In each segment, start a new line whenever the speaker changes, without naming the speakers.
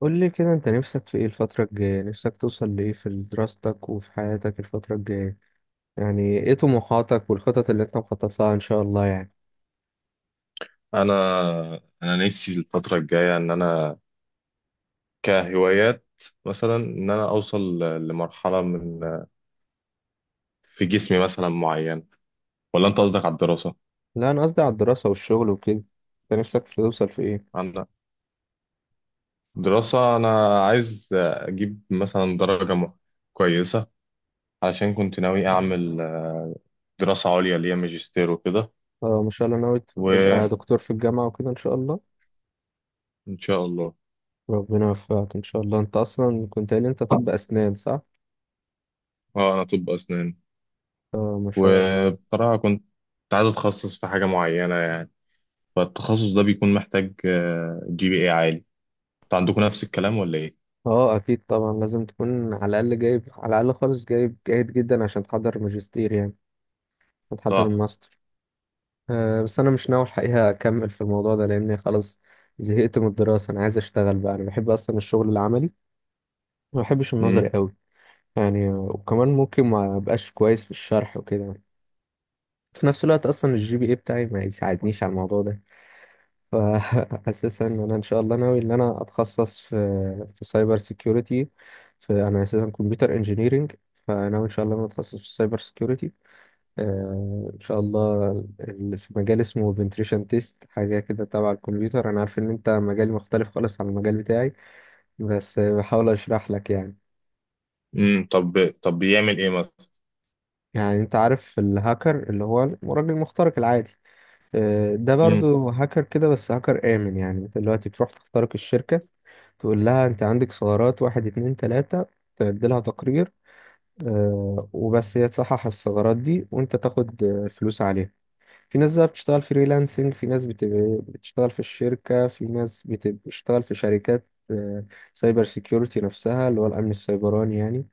قول لي كده، انت نفسك في ايه الفترة الجاية؟ نفسك توصل لايه في دراستك وفي حياتك الفترة الجاية؟ يعني ايه طموحاتك والخطط اللي انت مخطط لها ان شاء الله يعني.
انا نفسي الفتره الجايه ان انا كهوايات مثلا ان انا اوصل لمرحله من في جسمي مثلا معين، ولا انت قصدك على الدراسه؟
لا، انا قصدي على الدراسة والشغل وكده. انت نفسك في توصل في ايه؟
انا دراسه انا عايز اجيب مثلا درجه كويسه، عشان كنت ناوي اعمل دراسه عليا ليا ماجستير وكده،
اه، ما شاء الله، ناوي
وان
تبقى دكتور في الجامعة وكده ان شاء الله.
شاء الله.
ربنا يوفقك ان شاء الله. انت اصلا كنت قايل، انت طب اسنان، صح؟
اه انا طب اسنان،
اه، ما شاء الله.
وبصراحه كنت عايز اتخصص في حاجه معينه يعني، فالتخصص ده بيكون محتاج جي بي اي عالي. انتوا عندكم نفس الكلام ولا ايه؟
اه، اكيد طبعا لازم تكون على الاقل جايب، على الاقل خالص جايب جيد جدا عشان تحضر ماجستير يعني، وتحضر
صح.
الماستر. أه، بس انا مش ناوي الحقيقه اكمل في الموضوع ده لاني خلاص زهقت من الدراسه. انا عايز اشتغل بقى، انا بحب اصلا الشغل العملي، ما بحبش النظري
امم
قوي يعني. وكمان ممكن ما ابقاش كويس في الشرح وكده. في نفس الوقت اصلا الجي بي اي بتاعي ما يساعدنيش على الموضوع ده. فاساسا ان انا ان شاء الله ناوي ان انا اتخصص في سايبر سيكيورتي. في انا اساسا كمبيوتر انجينيرينج. فناوي ان شاء الله ان انا اتخصص في السايبر سيكيورتي، ان شاء الله. اللي في مجال اسمه بنتريشن تيست، حاجه كده تبع الكمبيوتر. انا عارف ان انت مجال مختلف خالص عن المجال بتاعي، بس بحاول اشرح لك يعني.
طب بيعمل ايه مثلا؟
يعني انت عارف الهاكر اللي هو الراجل المخترق العادي؟ ده
امم
برضو هاكر كده، بس هاكر امن. يعني انت دلوقتي بتروح تخترق الشركه، تقول لها انت عندك ثغرات واحد اتنين تلاتة، تعدلها تقرير، وبس هي تصحح الثغرات دي، وانت تاخد فلوس عليها. في ناس بقى بتشتغل فريلانسنج، في ناس بتبقى بتشتغل في الشركة، في ناس بتبقى بتشتغل في شركات سايبر سيكيورتي نفسها اللي هو الأمن السيبراني يعني.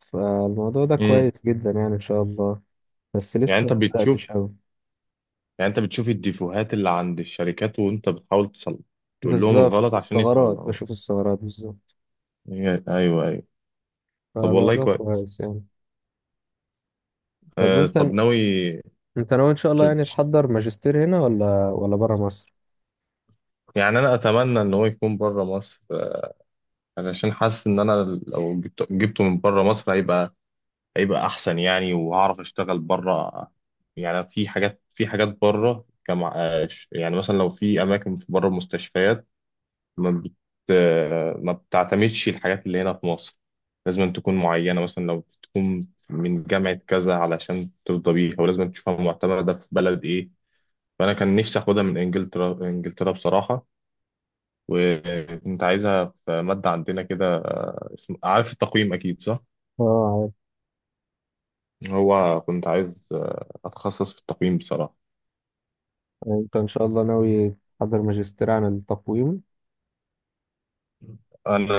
فالموضوع ده
امم
كويس جدا يعني، إن شاء الله. بس
يعني
لسه
انت
ما بدأتش أوي.
بتشوف الديفوهات اللي عند الشركات، وانت بتحاول تصلح، تقول لهم
بالظبط
الغلط عشان
الثغرات،
يصلحوا.
بشوف الثغرات بالظبط.
ايوه ايوه. طب والله
فالموضوع
كويس.
كويس يعني. طب
آه
وأنت؟
طب ناوي.
أنت ناوي إن شاء الله يعني
ت-
تحضر ماجستير هنا ولا برا مصر؟
يعني انا اتمنى ان هو يكون بره مصر، علشان حاسس ان انا لو جبته جبته من بره مصر هيبقى احسن يعني، وهعرف اشتغل بره. يعني في حاجات بره يعني مثلا لو في اماكن في بره المستشفيات ما بت... ما بتعتمدش الحاجات اللي هنا في مصر. لازم تكون معينه، مثلا لو تكون من جامعه كذا علشان ترضى بيها، ولازم تشوفها معتمده في بلد ايه. فانا كان نفسي اخدها من انجلترا بصراحه، وكنت عايزها في ماده عندنا كده، عارف التقويم اكيد صح؟
اه، عارف.
هو كنت عايز اتخصص في التقويم بصراحه.
يعني أنت إن شاء الله ناوي تحضر ماجستير عن التقويم.
انا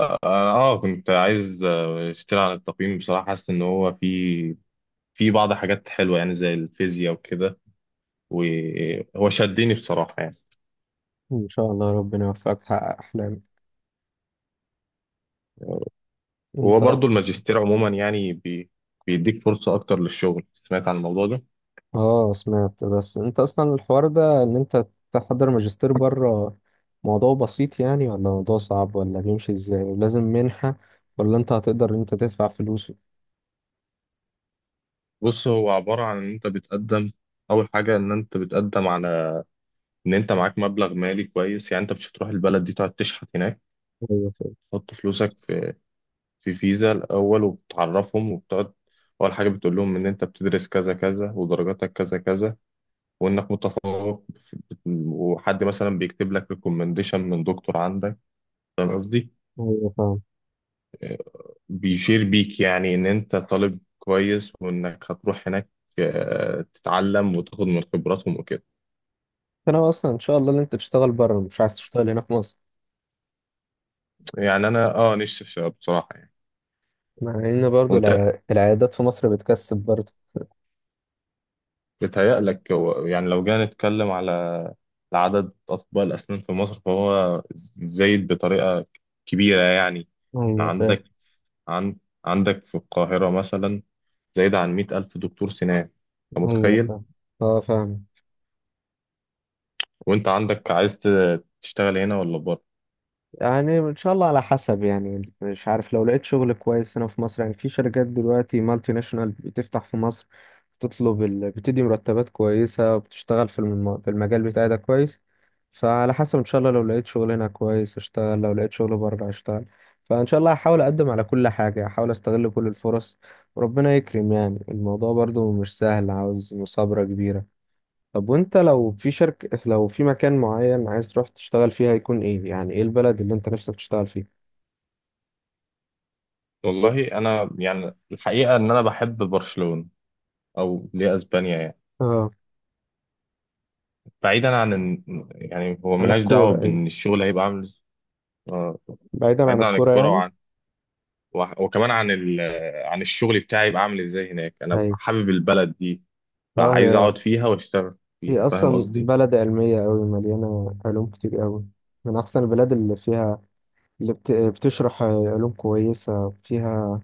اه، كنت عايز اشتري عن التقييم بصراحه. حاسس ان هو في في بعض حاجات حلوه يعني، زي الفيزياء وكده، وهو شدني بصراحه يعني.
إن شاء الله ربنا يوفقك تحقق أحلامك.
وهو
انت،
برضو الماجستير عموما يعني بيديك فرصه اكتر للشغل. سمعت عن الموضوع ده.
اه، سمعت. بس انت اصلا الحوار ده ان انت تحضر ماجستير بره، موضوع بسيط يعني، ولا موضوع صعب؟ ولا بيمشي ازاي ولازم منحة، ولا انت هتقدر ان انت تدفع فلوس؟
بص، هو عباره عن ان انت بتقدم. اول حاجه ان انت بتقدم على ان انت معاك مبلغ مالي كويس، يعني انت مش هتروح البلد دي تقعد تشحت هناك.
ايوه، فاهم.
تحط فلوسك في فيزا الأول، وبتعرفهم وبتقعد. أول حاجة بتقول لهم إن أنت بتدرس كذا كذا، ودرجاتك كذا كذا، وإنك متفوق في- وحد مثلا بيكتب لك ريكومنديشن من دكتور عندك. فاهم قصدي؟
ايوه، فاهم.
بيشير بيك يعني إن أنت طالب كويس، وإنك هتروح هناك تتعلم وتاخد من خبراتهم وكده.
انت ناوي اصلا ان شاء الله ان انت تشتغل بره، مش عايز تشتغل هنا في مصر؟
يعني أنا أه نفسي بصراحة يعني.
مع ان برضو
وأنت
العيادات في مصر بتكسب برضو.
بيتهيألك يعني لو جينا نتكلم على عدد أطباء الأسنان في مصر، فهو زايد بطريقة كبيرة يعني.
ايوه، فاهم.
عندك عند عندك في القاهرة مثلا زايد عن مئة ألف دكتور سنان. أنت
ايوه،
متخيل؟
فاهم. اه، فاهم.
وأنت عندك عايز تشتغل هنا ولا بره؟
يعني ان شاء الله على حسب، يعني مش عارف. لو لقيت شغل كويس هنا في مصر، يعني في شركات دلوقتي مالتي ناشونال بتفتح في مصر، بتطلب بتدي مرتبات كويسة، وبتشتغل في المجال بتاعي ده كويس. فعلى حسب ان شاء الله، لو لقيت شغل هنا كويس اشتغل، لو لقيت شغل بره اشتغل. فان شاء الله هحاول اقدم على كل حاجة، هحاول استغل كل الفرص. وربنا يكرم يعني. الموضوع برضو مش سهل، عاوز مثابرة كبيرة. طب وانت لو في شركة، لو في مكان معين عايز تروح تشتغل فيه، هيكون ايه؟ يعني ايه البلد اللي انت نفسك تشتغل فيها؟
والله أنا يعني الحقيقة إن أنا بحب برشلونة، أو ليه أسبانيا يعني.
اه،
بعيدا عن يعني هو
عن
ملهاش دعوة
الكورة، ايوه.
بإن الشغل هيبقى عامل آه،
بعيدا عن
بعيدا عن
الكورة
الكورة،
يعني.
وكمان عن عن الشغل بتاعي يبقى عامل ازاي هناك. انا
ايوه.
ببقى حابب البلد دي،
اه،
فعايز
هي
اقعد فيها واشتغل
هي
فيها. فاهم
اصلا
قصدي؟
بلد علمية قوي، مليانة علوم كتير قوي. من احسن البلاد اللي فيها، اللي بتشرح علوم كويسة فيها.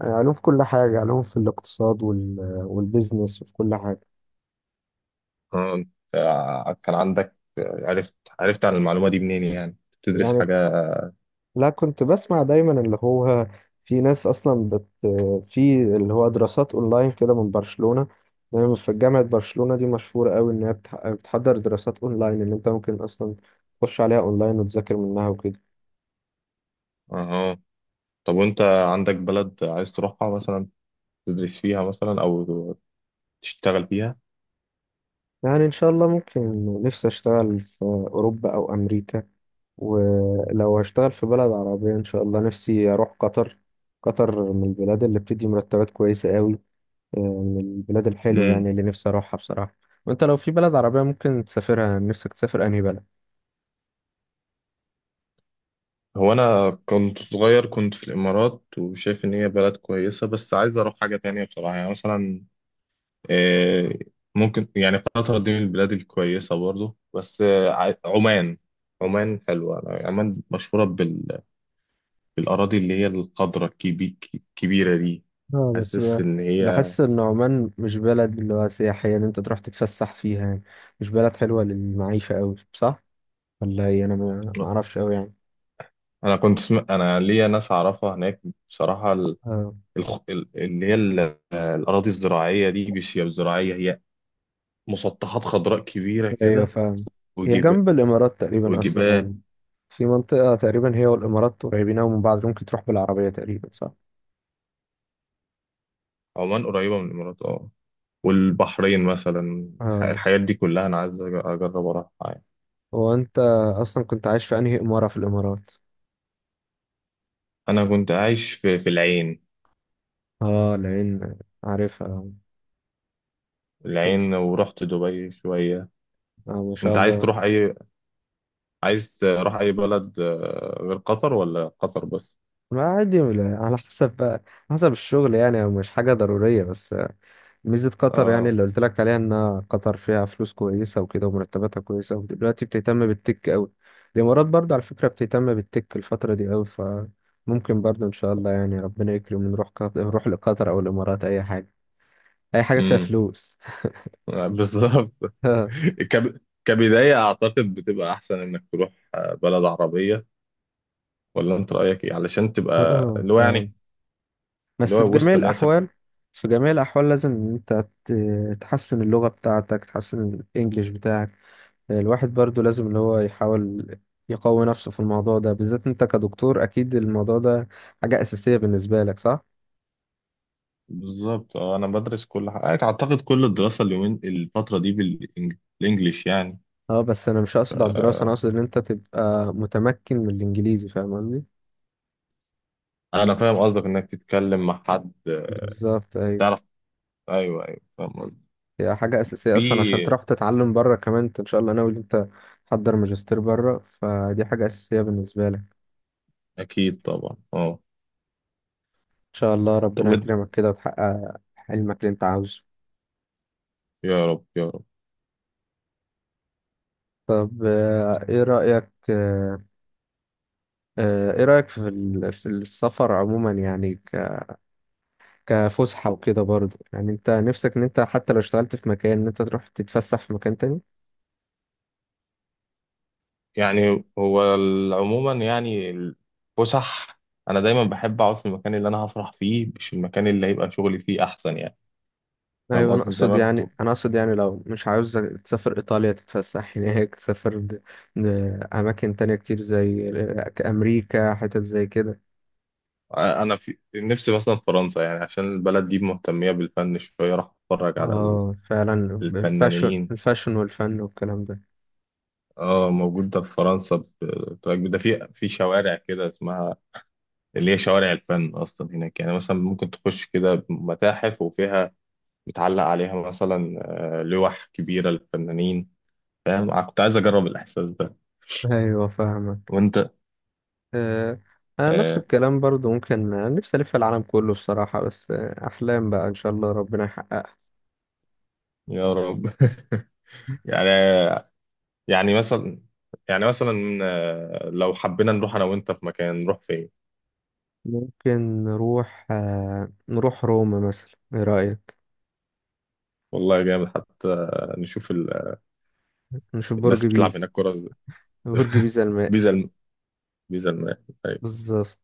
علوم في كل حاجة، علوم في الاقتصاد والبيزنس وفي كل حاجة.
انت كان عندك، عرفت عن المعلومة دي منين يعني؟ بتدرس
يعني
حاجة؟
لا، كنت بسمع دايما اللي هو في ناس اصلا في اللي هو دراسات اونلاين كده من برشلونة. دايما في جامعة برشلونة دي مشهورة قوي ان هي بتحضر دراسات اونلاين، ان انت ممكن اصلا تخش عليها اونلاين وتذاكر منها وكده.
اه. طب وانت عندك بلد عايز تروحها مثلا، تدرس فيها مثلا او تشتغل فيها؟
يعني ان شاء الله ممكن، نفسي اشتغل في اوروبا او امريكا. ولو هشتغل في بلد عربية، ان شاء الله نفسي اروح قطر. قطر من البلاد اللي بتدي مرتبات كويسة قوي، من البلاد الحلوة
امم.
يعني اللي نفسي أروحها بصراحة. وأنت لو في بلد عربية ممكن تسافرها، نفسك تسافر أنهي بلد؟
هو انا كنت صغير كنت في الامارات، وشايف ان هي بلد كويسة، بس عايز اروح حاجة تانية بصراحة يعني. مثلا آه، ممكن يعني قطر دي من البلاد الكويسة برضو، بس عمان. عمان حلوة. عمان مشهورة بالأراضي اللي هي الخضرة الكبيرة دي.
اه، بس
حاسس إن هي
بحس إن عمان مش بلد اللي هو سياحية إن أنت تروح تتفسح فيها يعني. مش بلد حلوة للمعيشة أوي، صح؟ ولا هي، أنا ما أعرفش أوي يعني.
أنا أنا ليا ناس أعرفها هناك بصراحة. ال...
اه،
الخ... ال- اللي هي ال- الأراضي الزراعية دي مش هي زراعية، هي مسطحات خضراء كبيرة
أيوة
كده.
فاهم. هي
وجب...
جنب الإمارات تقريبا أصلا
وجبال.
يعني. في منطقة تقريبا هي والإمارات قريبين أوي من بعض، ممكن تروح بالعربية تقريبا، صح؟
عمان قريبة من الإمارات أه، والبحرين مثلا.
اه.
الحاجات دي كلها أنا عايز أجرب أروحها.
هو أنت أصلا كنت عايش في أنهي إمارة في الإمارات؟
انا كنت عايش في العين.
اه، العين. عارفها، اه.
العين، ورحت دبي شوية.
ما شاء
انت عايز
الله.
تروح اي، عايز تروح اي بلد غير قطر، ولا قطر بس؟
ما، عادي على حسب بقى. حسب الشغل يعني، مش حاجة ضرورية. بس ميزة قطر يعني
اه.
اللي قلت لك عليها، ان قطر فيها فلوس كويسة وكده، ومرتباتها كويسة، ودلوقتي بتهتم بالتك قوي. الامارات برضه على فكرة بتهتم بالتك الفترة دي قوي، فممكن برضه ان شاء الله يعني ربنا يكرم ونروح قطر، نروح لقطر او الامارات، اي حاجة. اي حاجة فيها
امم.
فلوس.
بالظبط. كبداية اعتقد بتبقى احسن انك تروح بلد عربية، ولا انت رأيك ايه؟ علشان تبقى اللي هو
اه،
يعني اللي
بس في
هو
جميع
وسط ناسك.
الأحوال، في جميع الأحوال لازم إن أنت تحسن اللغة بتاعتك، تحسن الإنجليش بتاعك. الواحد برضو لازم اللي هو يحاول يقوي نفسه في الموضوع ده. بالذات أنت كدكتور أكيد الموضوع ده حاجة أساسية بالنسبة لك، صح؟
بالظبط اه، انا بدرس كل حاجة اعتقد، كل الدراسة اليومين الفترة دي بالانجليش يعني.
اه، بس أنا مش أقصد على الدراسة، أنا أقصد إن أنت تبقى متمكن من الإنجليزي، فاهم قصدي؟
انا فاهم قصدك، انك تتكلم مع حد،
بالظبط، أيوة.
تعرف. ايوه ايوه فاهم قصدي.
هي حاجة أساسية أصلا عشان
في.
تروح تتعلم بره. كمان أنت إن شاء الله ناوي إن أنت تحضر ماجستير بره، فدي حاجة أساسية بالنسبة لك.
اكيد طبعا اه.
شاء الله
طب
ربنا يكرمك كده وتحقق حلمك اللي انت عاوزه.
يا رب يا رب.
طب، ايه رأيك، ايه رأيك في السفر عموما يعني، كفسحة وكده برضه؟ يعني انت نفسك ان انت حتى لو اشتغلت في مكان، ان انت تروح تتفسح في مكان تاني.
يعني هو عموما يعني الفسح، انا دايما بحب اقعد في المكان اللي انا هفرح فيه، مش المكان اللي هيبقى شغلي فيه احسن يعني. فاهم
ايوه، انا
قصدي؟
اقصد
زمان كنت
يعني، انا اقصد يعني لو مش عاوز تسافر ايطاليا تتفسح هناك، تسافر اماكن تانية كتير زي امريكا، حتت زي كده.
انا في نفسي مثلا فرنسا، يعني عشان البلد دي مهتميه بالفن شويه، راح اتفرج على
اه، فعلا، الفاشن،
الفنانين.
الفاشن والفن والكلام ده.
اه موجود ده في فرنسا، ده في شوارع كده اسمها، اللي هي شوارع الفن اصلا هناك. يعني مثلا ممكن تخش كده متاحف، وفيها متعلق عليها مثلا لوح كبيره للفنانين. فاهم؟ أنا كنت عايز اجرب الاحساس ده.
ايوه، فاهمك.
وانت
آه، انا نفس
آه.
الكلام برضو، ممكن، نفسي الف العالم كله بصراحة، بس احلام بقى، ان شاء الله ربنا يحققها.
يا رب. يعني يعني مثلا يعني مثلا لو حبينا نروح انا وانت في مكان، نروح فين؟
ممكن نروح روما مثلا، ايه رأيك؟
والله جامد حتى. نشوف
نشوف برج
الناس بتلعب
بيزا.
هناك كرة ازاي.
برج بيزا المائل.
بيزا الم... بيزا الماء.
بالظبط.